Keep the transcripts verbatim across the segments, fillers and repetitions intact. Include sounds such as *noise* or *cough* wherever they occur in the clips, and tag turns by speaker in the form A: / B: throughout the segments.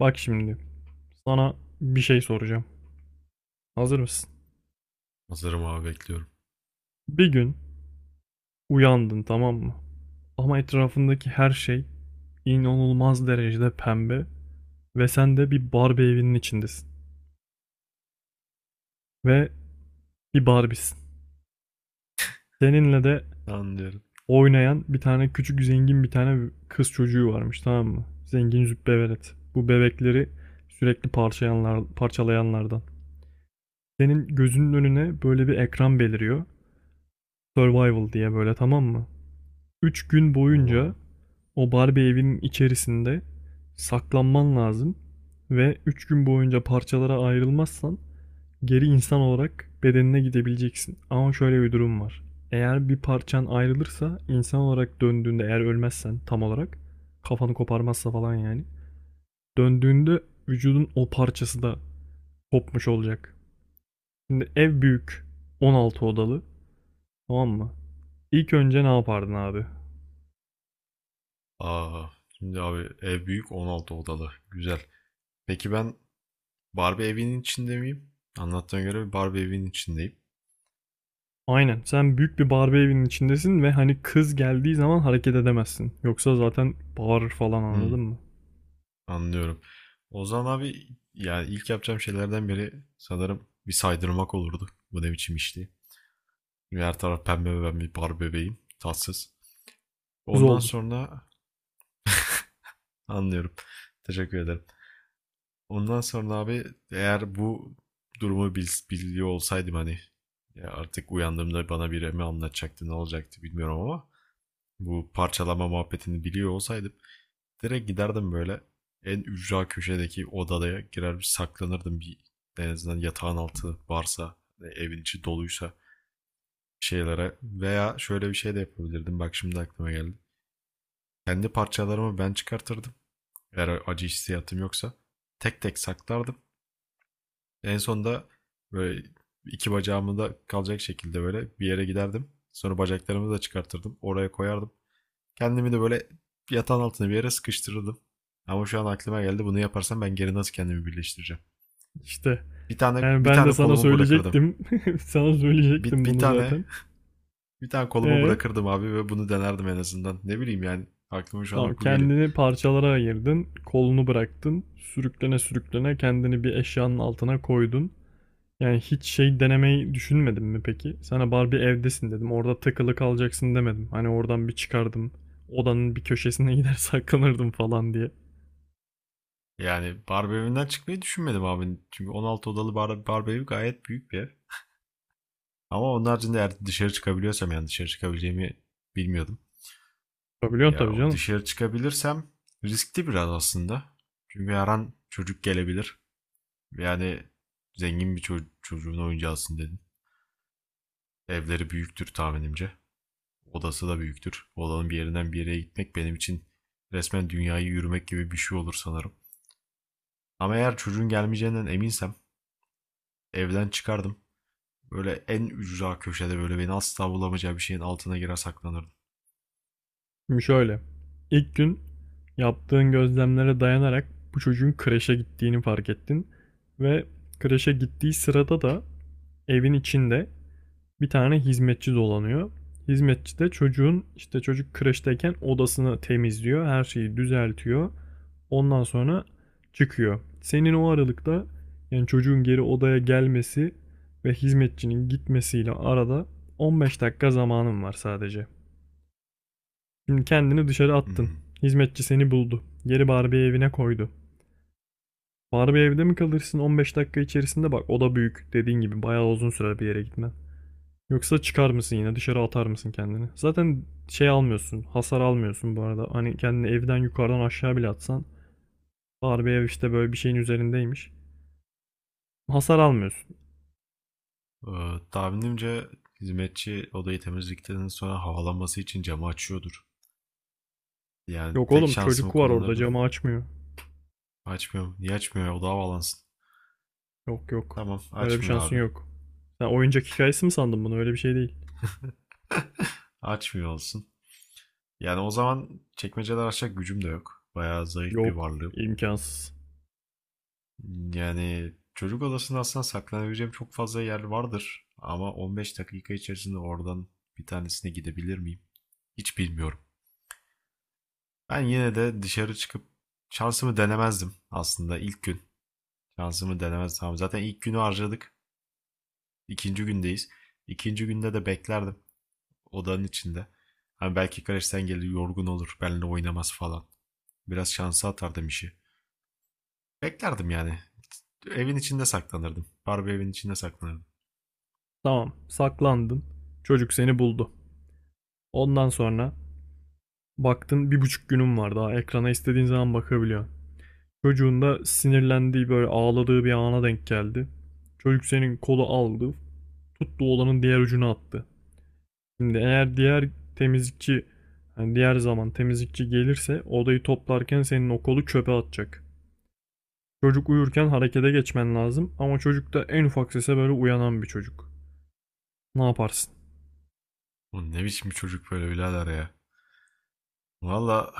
A: Bak şimdi sana bir şey soracağım. Hazır mısın?
B: Hazırım abi, bekliyorum.
A: Bir gün uyandın, tamam mı? Ama etrafındaki her şey inanılmaz derecede pembe ve sen de bir Barbie evinin içindesin ve bir Barbie'sin. Seninle de
B: Tamam diyorum.
A: oynayan bir tane küçük zengin bir tane kız çocuğu varmış, tamam mı? Zengin züppe velet. Bu bebekleri sürekli parçayanlar, parçalayanlardan. Senin gözünün önüne böyle bir ekran beliriyor. Survival diye, böyle, tamam mı? Üç gün
B: Tamam abi.
A: boyunca o Barbie evinin içerisinde saklanman lazım ve üç gün boyunca parçalara ayrılmazsan geri insan olarak bedenine gidebileceksin. Ama şöyle bir durum var. Eğer bir parçan ayrılırsa insan olarak döndüğünde, eğer ölmezsen, tam olarak kafanı koparmazsa falan, yani döndüğünde vücudun o parçası da kopmuş olacak. Şimdi ev büyük, on altı odalı, tamam mı? İlk önce ne yapardın abi?
B: Aa, şimdi abi, ev büyük, on altı odalı. Güzel. Peki ben Barbie evinin içinde miyim? Anlattığına göre bir Barbie evinin içindeyim.
A: Aynen. Sen büyük bir Barbie evinin içindesin ve hani kız geldiği zaman hareket edemezsin. Yoksa zaten bağırır falan,
B: Hmm,
A: anladın mı?
B: anlıyorum. O zaman abi, yani ilk yapacağım şeylerden biri sanırım bir saydırmak olurdu. Bu ne biçim işti? Şimdi her taraf pembe ve ben bir Barbie bebeğim. Tatsız.
A: Kız
B: Ondan
A: oldun.
B: sonra anlıyorum. Teşekkür ederim. Ondan sonra abi, eğer bu durumu bil- biliyor olsaydım, hani ya artık uyandığımda bana biri mi anlatacaktı, ne olacaktı bilmiyorum, ama bu parçalama muhabbetini biliyor olsaydım, direkt giderdim böyle en ücra köşedeki odaya, girer bir saklanırdım, bir en azından yatağın altı varsa, evin içi doluysa şeylere. Veya şöyle bir şey de yapabilirdim, bak şimdi aklıma geldi. Kendi parçalarımı ben çıkartırdım, eğer acı hissiyatım yoksa tek tek saklardım. En sonunda böyle iki bacağımı da kalacak şekilde böyle bir yere giderdim. Sonra bacaklarımı da çıkartırdım. Oraya koyardım. Kendimi de böyle yatağın altına bir yere sıkıştırırdım. Ama şu an aklıma geldi, bunu yaparsam ben geri nasıl kendimi birleştireceğim?
A: İşte.
B: Bir tane
A: Yani
B: bir
A: ben de
B: tane
A: sana
B: kolumu bırakırdım.
A: söyleyecektim. *laughs* Sana
B: Bir,
A: söyleyecektim
B: bir
A: bunu
B: tane
A: zaten.
B: Bir tane kolumu
A: Ee.
B: bırakırdım abi ve bunu denerdim en azından. Ne bileyim, yani aklıma şu
A: Tamam,
B: anlık bu geliyor.
A: kendini parçalara ayırdın. Kolunu bıraktın. Sürüklene sürüklene kendini bir eşyanın altına koydun. Yani hiç şey denemeyi düşünmedin mi peki? Sana Barbie evdesin dedim. Orada takılı kalacaksın demedim. Hani oradan bir çıkardım. Odanın bir köşesine *laughs* gider saklanırdım falan diye.
B: Yani Barbie evinden çıkmayı düşünmedim abi. Çünkü on altı odalı bar Barbie evi gayet büyük bir ev. Ama onun haricinde eğer dışarı çıkabiliyorsam, yani dışarı çıkabileceğimi bilmiyordum.
A: Yapabiliyorsun
B: Ya
A: tabii
B: o,
A: canım.
B: dışarı çıkabilirsem riskli biraz aslında. Çünkü her an çocuk gelebilir. Yani zengin bir ço- çocuğun oyuncağısın dedin. Evleri büyüktür tahminimce. Odası da büyüktür. Odanın bir yerinden bir yere gitmek benim için resmen dünyayı yürümek gibi bir şey olur sanırım. Ama eğer çocuğun gelmeyeceğinden eminsem, evden çıkardım. Böyle en ücra köşede, böyle beni asla bulamayacağı bir şeyin altına girer saklanırdım.
A: Şimdi şöyle. İlk gün yaptığın gözlemlere dayanarak bu çocuğun kreşe gittiğini fark ettin. Ve kreşe gittiği sırada da evin içinde bir tane hizmetçi dolanıyor. Hizmetçi de çocuğun işte, çocuk kreşteyken, odasını temizliyor. Her şeyi düzeltiyor. Ondan sonra çıkıyor. Senin o aralıkta, yani çocuğun geri odaya gelmesi ve hizmetçinin gitmesiyle arada, on beş dakika zamanın var sadece. Şimdi kendini dışarı attın.
B: Hmm.
A: Hizmetçi seni buldu. Geri Barbie evine koydu. Barbie evde mi kalırsın on beş dakika içerisinde? Bak, o da büyük. Dediğin gibi bayağı uzun süre bir yere gitmen. Yoksa çıkar mısın, yine dışarı atar mısın kendini? Zaten şey almıyorsun, hasar almıyorsun bu arada. Hani kendini evden yukarıdan aşağı bile atsan, Barbie ev işte böyle bir şeyin üzerindeymiş. Hasar almıyorsun.
B: Ee, tahminimce hizmetçi odayı temizlikten sonra havalanması için camı açıyordur. Yani
A: Yok
B: tek
A: oğlum,
B: şansımı
A: çocuk var orada,
B: kullanırdım.
A: camı açmıyor.
B: Açmıyor mu? Niye açmıyor ya? O daha bağlansın.
A: Yok yok,
B: Tamam,
A: öyle bir
B: açmıyor
A: şansın
B: abi.
A: yok. Sen oyuncak hikayesi mi sandın bunu? Öyle bir şey değil.
B: Açmıyor olsun. Yani o zaman çekmeceler açacak gücüm de yok. Bayağı zayıf bir
A: Yok,
B: varlığım.
A: imkansız.
B: Yani çocuk odasında aslında saklanabileceğim çok fazla yer vardır. Ama on beş dakika içerisinde oradan bir tanesine gidebilir miyim? Hiç bilmiyorum. Ben yine de dışarı çıkıp şansımı denemezdim aslında ilk gün. Şansımı denemezdim. Tamam, zaten ilk günü harcadık. İkinci gündeyiz. İkinci günde de beklerdim odanın içinde. Hani belki Kareş'ten gelir, yorgun olur, benimle oynamaz falan. Biraz şansa atardım işi. Beklerdim yani. Evin içinde saklanırdım. Barbie evin içinde saklanırdım.
A: Tamam, saklandın. Çocuk seni buldu. Ondan sonra baktın bir buçuk günün var, daha ekrana istediğin zaman bakabiliyorsun. Çocuğun da sinirlendiği, böyle ağladığı bir ana denk geldi. Çocuk senin kolu aldı, tuttu, olanın diğer ucunu attı. Şimdi eğer diğer temizlikçi, yani diğer zaman temizlikçi gelirse odayı toplarken senin o kolu çöpe atacak. Çocuk uyurken harekete geçmen lazım, ama çocuk da en ufak sese böyle uyanan bir çocuk. Ne yaparsın?
B: Bu ne biçim bir çocuk böyle birader ya. Valla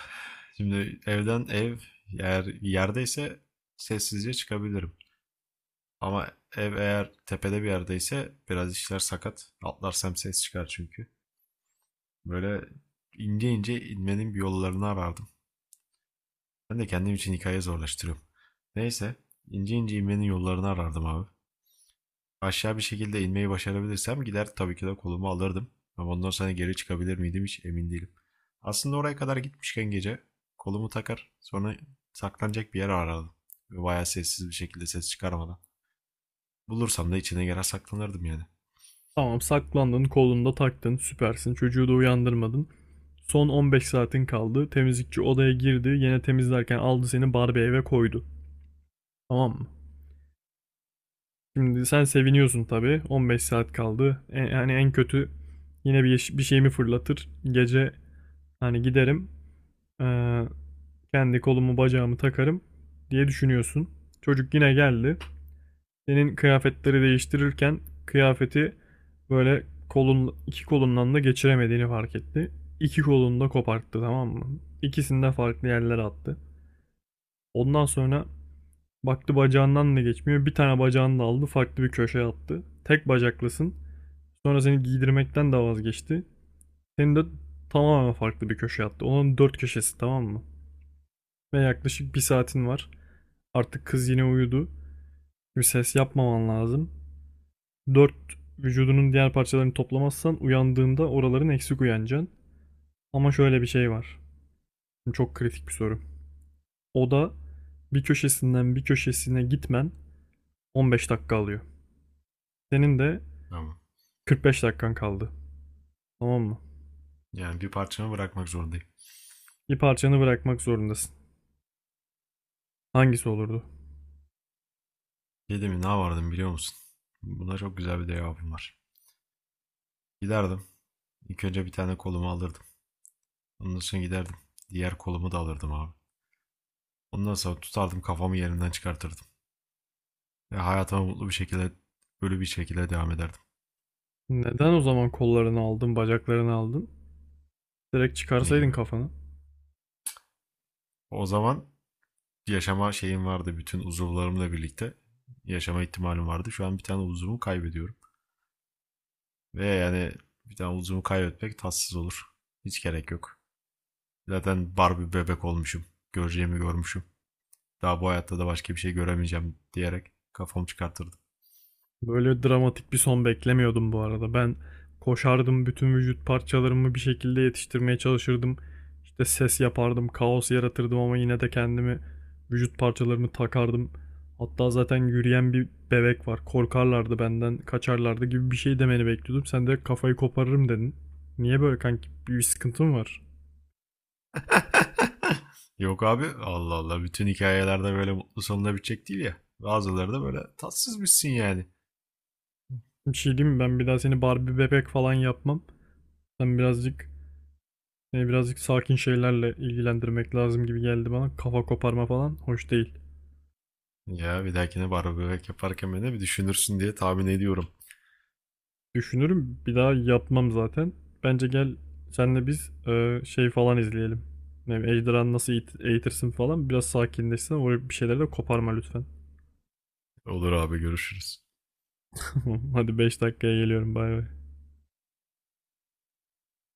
B: şimdi evden ev eğer yerdeyse sessizce çıkabilirim. Ama ev eğer tepede bir yerdeyse biraz işler sakat. Atlarsam ses çıkar çünkü. Böyle ince ince inmenin bir yollarını arardım. Ben de kendim için hikaye zorlaştırıyorum. Neyse, ince ince inmenin yollarını arardım abi. Aşağı bir şekilde inmeyi başarabilirsem gider tabii ki de kolumu alırdım. Ama ondan sonra geri çıkabilir miydim hiç emin değilim. Aslında oraya kadar gitmişken gece kolumu takar, sonra saklanacak bir yer arardım. Ve bayağı sessiz bir şekilde, ses çıkarmadan. Bulursam da içine girer saklanırdım yani.
A: Tamam, saklandın, kolunda taktın, süpersin. Çocuğu da uyandırmadın. Son on beş saatin kaldı. Temizlikçi odaya girdi. Yine temizlerken aldı seni, Barbie eve koydu. Tamam mı? Şimdi sen seviniyorsun tabii. on beş saat kaldı. E, yani en kötü yine bir, bir şeyimi fırlatır. Gece hani giderim, eee, kendi kolumu bacağımı takarım diye düşünüyorsun. Çocuk yine geldi. Senin kıyafetleri değiştirirken kıyafeti böyle kolun iki kolundan da geçiremediğini fark etti. İki kolunu da koparttı, tamam mı? İkisini de farklı yerlere attı. Ondan sonra baktı bacağından da geçmiyor. Bir tane bacağını da aldı, farklı bir köşeye attı. Tek bacaklısın. Sonra seni giydirmekten de vazgeçti. Seni de tamamen farklı bir köşeye attı. Onun dört köşesi, tamam mı? Ve yaklaşık bir saatin var. Artık kız yine uyudu. Bir ses yapmaman lazım. Dört vücudunun diğer parçalarını toplamazsan, uyandığında oraların eksik uyanacaksın. Ama şöyle bir şey var. Çok kritik bir soru. O da, bir köşesinden bir köşesine gitmen on beş dakika alıyor. Senin de
B: Tamam.
A: kırk beş dakikan kaldı. Tamam mı?
B: Yani bir parçamı bırakmak zorundayım.
A: Bir parçanı bırakmak zorundasın. Hangisi olurdu?
B: Şey mi, ne yapardım biliyor musun? Buna çok güzel bir cevabım var. Giderdim. İlk önce bir tane kolumu alırdım. Ondan sonra giderdim. Diğer kolumu da alırdım abi. Ondan sonra tutardım, kafamı yerinden çıkartırdım. Ya hayatıma mutlu bir şekilde, böyle bir şekilde devam ederdim.
A: Neden o zaman kollarını aldın, bacaklarını aldın? Direkt
B: Ne
A: çıkarsaydın
B: gibi?
A: kafanı.
B: O zaman yaşama şeyim vardı. Bütün uzuvlarımla birlikte yaşama ihtimalim vardı. Şu an bir tane uzuvumu kaybediyorum. Ve yani bir tane uzuvumu kaybetmek tatsız olur. Hiç gerek yok. Zaten Barbie bebek olmuşum. Göreceğimi görmüşüm. Daha bu hayatta da başka bir şey göremeyeceğim diyerek kafamı çıkartırdım.
A: Böyle dramatik bir son beklemiyordum bu arada. Ben koşardım, bütün vücut parçalarımı bir şekilde yetiştirmeye çalışırdım. İşte ses yapardım, kaos yaratırdım, ama yine de kendimi, vücut parçalarımı takardım. Hatta zaten yürüyen bir bebek var, korkarlardı benden, kaçarlardı gibi bir şey demeni bekliyordum. Sen de kafayı koparırım dedin. Niye böyle kanki? Bir sıkıntın var.
B: Yok abi, Allah Allah, bütün hikayelerde böyle mutlu sonuna bitecek değil ya. Bazıları da böyle tatsız bitsin yani.
A: Bir şey diyeyim mi? Ben bir daha seni Barbie bebek falan yapmam. Sen birazcık Seni birazcık sakin şeylerle ilgilendirmek lazım gibi geldi bana. Kafa koparma falan hoş değil.
B: Ya bir dahakine barbekü yaparken beni bir düşünürsün diye tahmin ediyorum.
A: Düşünürüm, bir daha yapmam zaten. Bence gel senle biz, e, şey falan izleyelim. Ne bileyim, Ejderhanı nasıl eğit- eğitirsin falan, biraz sakinleşsin. Oraya bir şeyleri de koparma lütfen.
B: Olur abi, görüşürüz.
A: *laughs* Hadi beş dakikaya geliyorum, bay bay.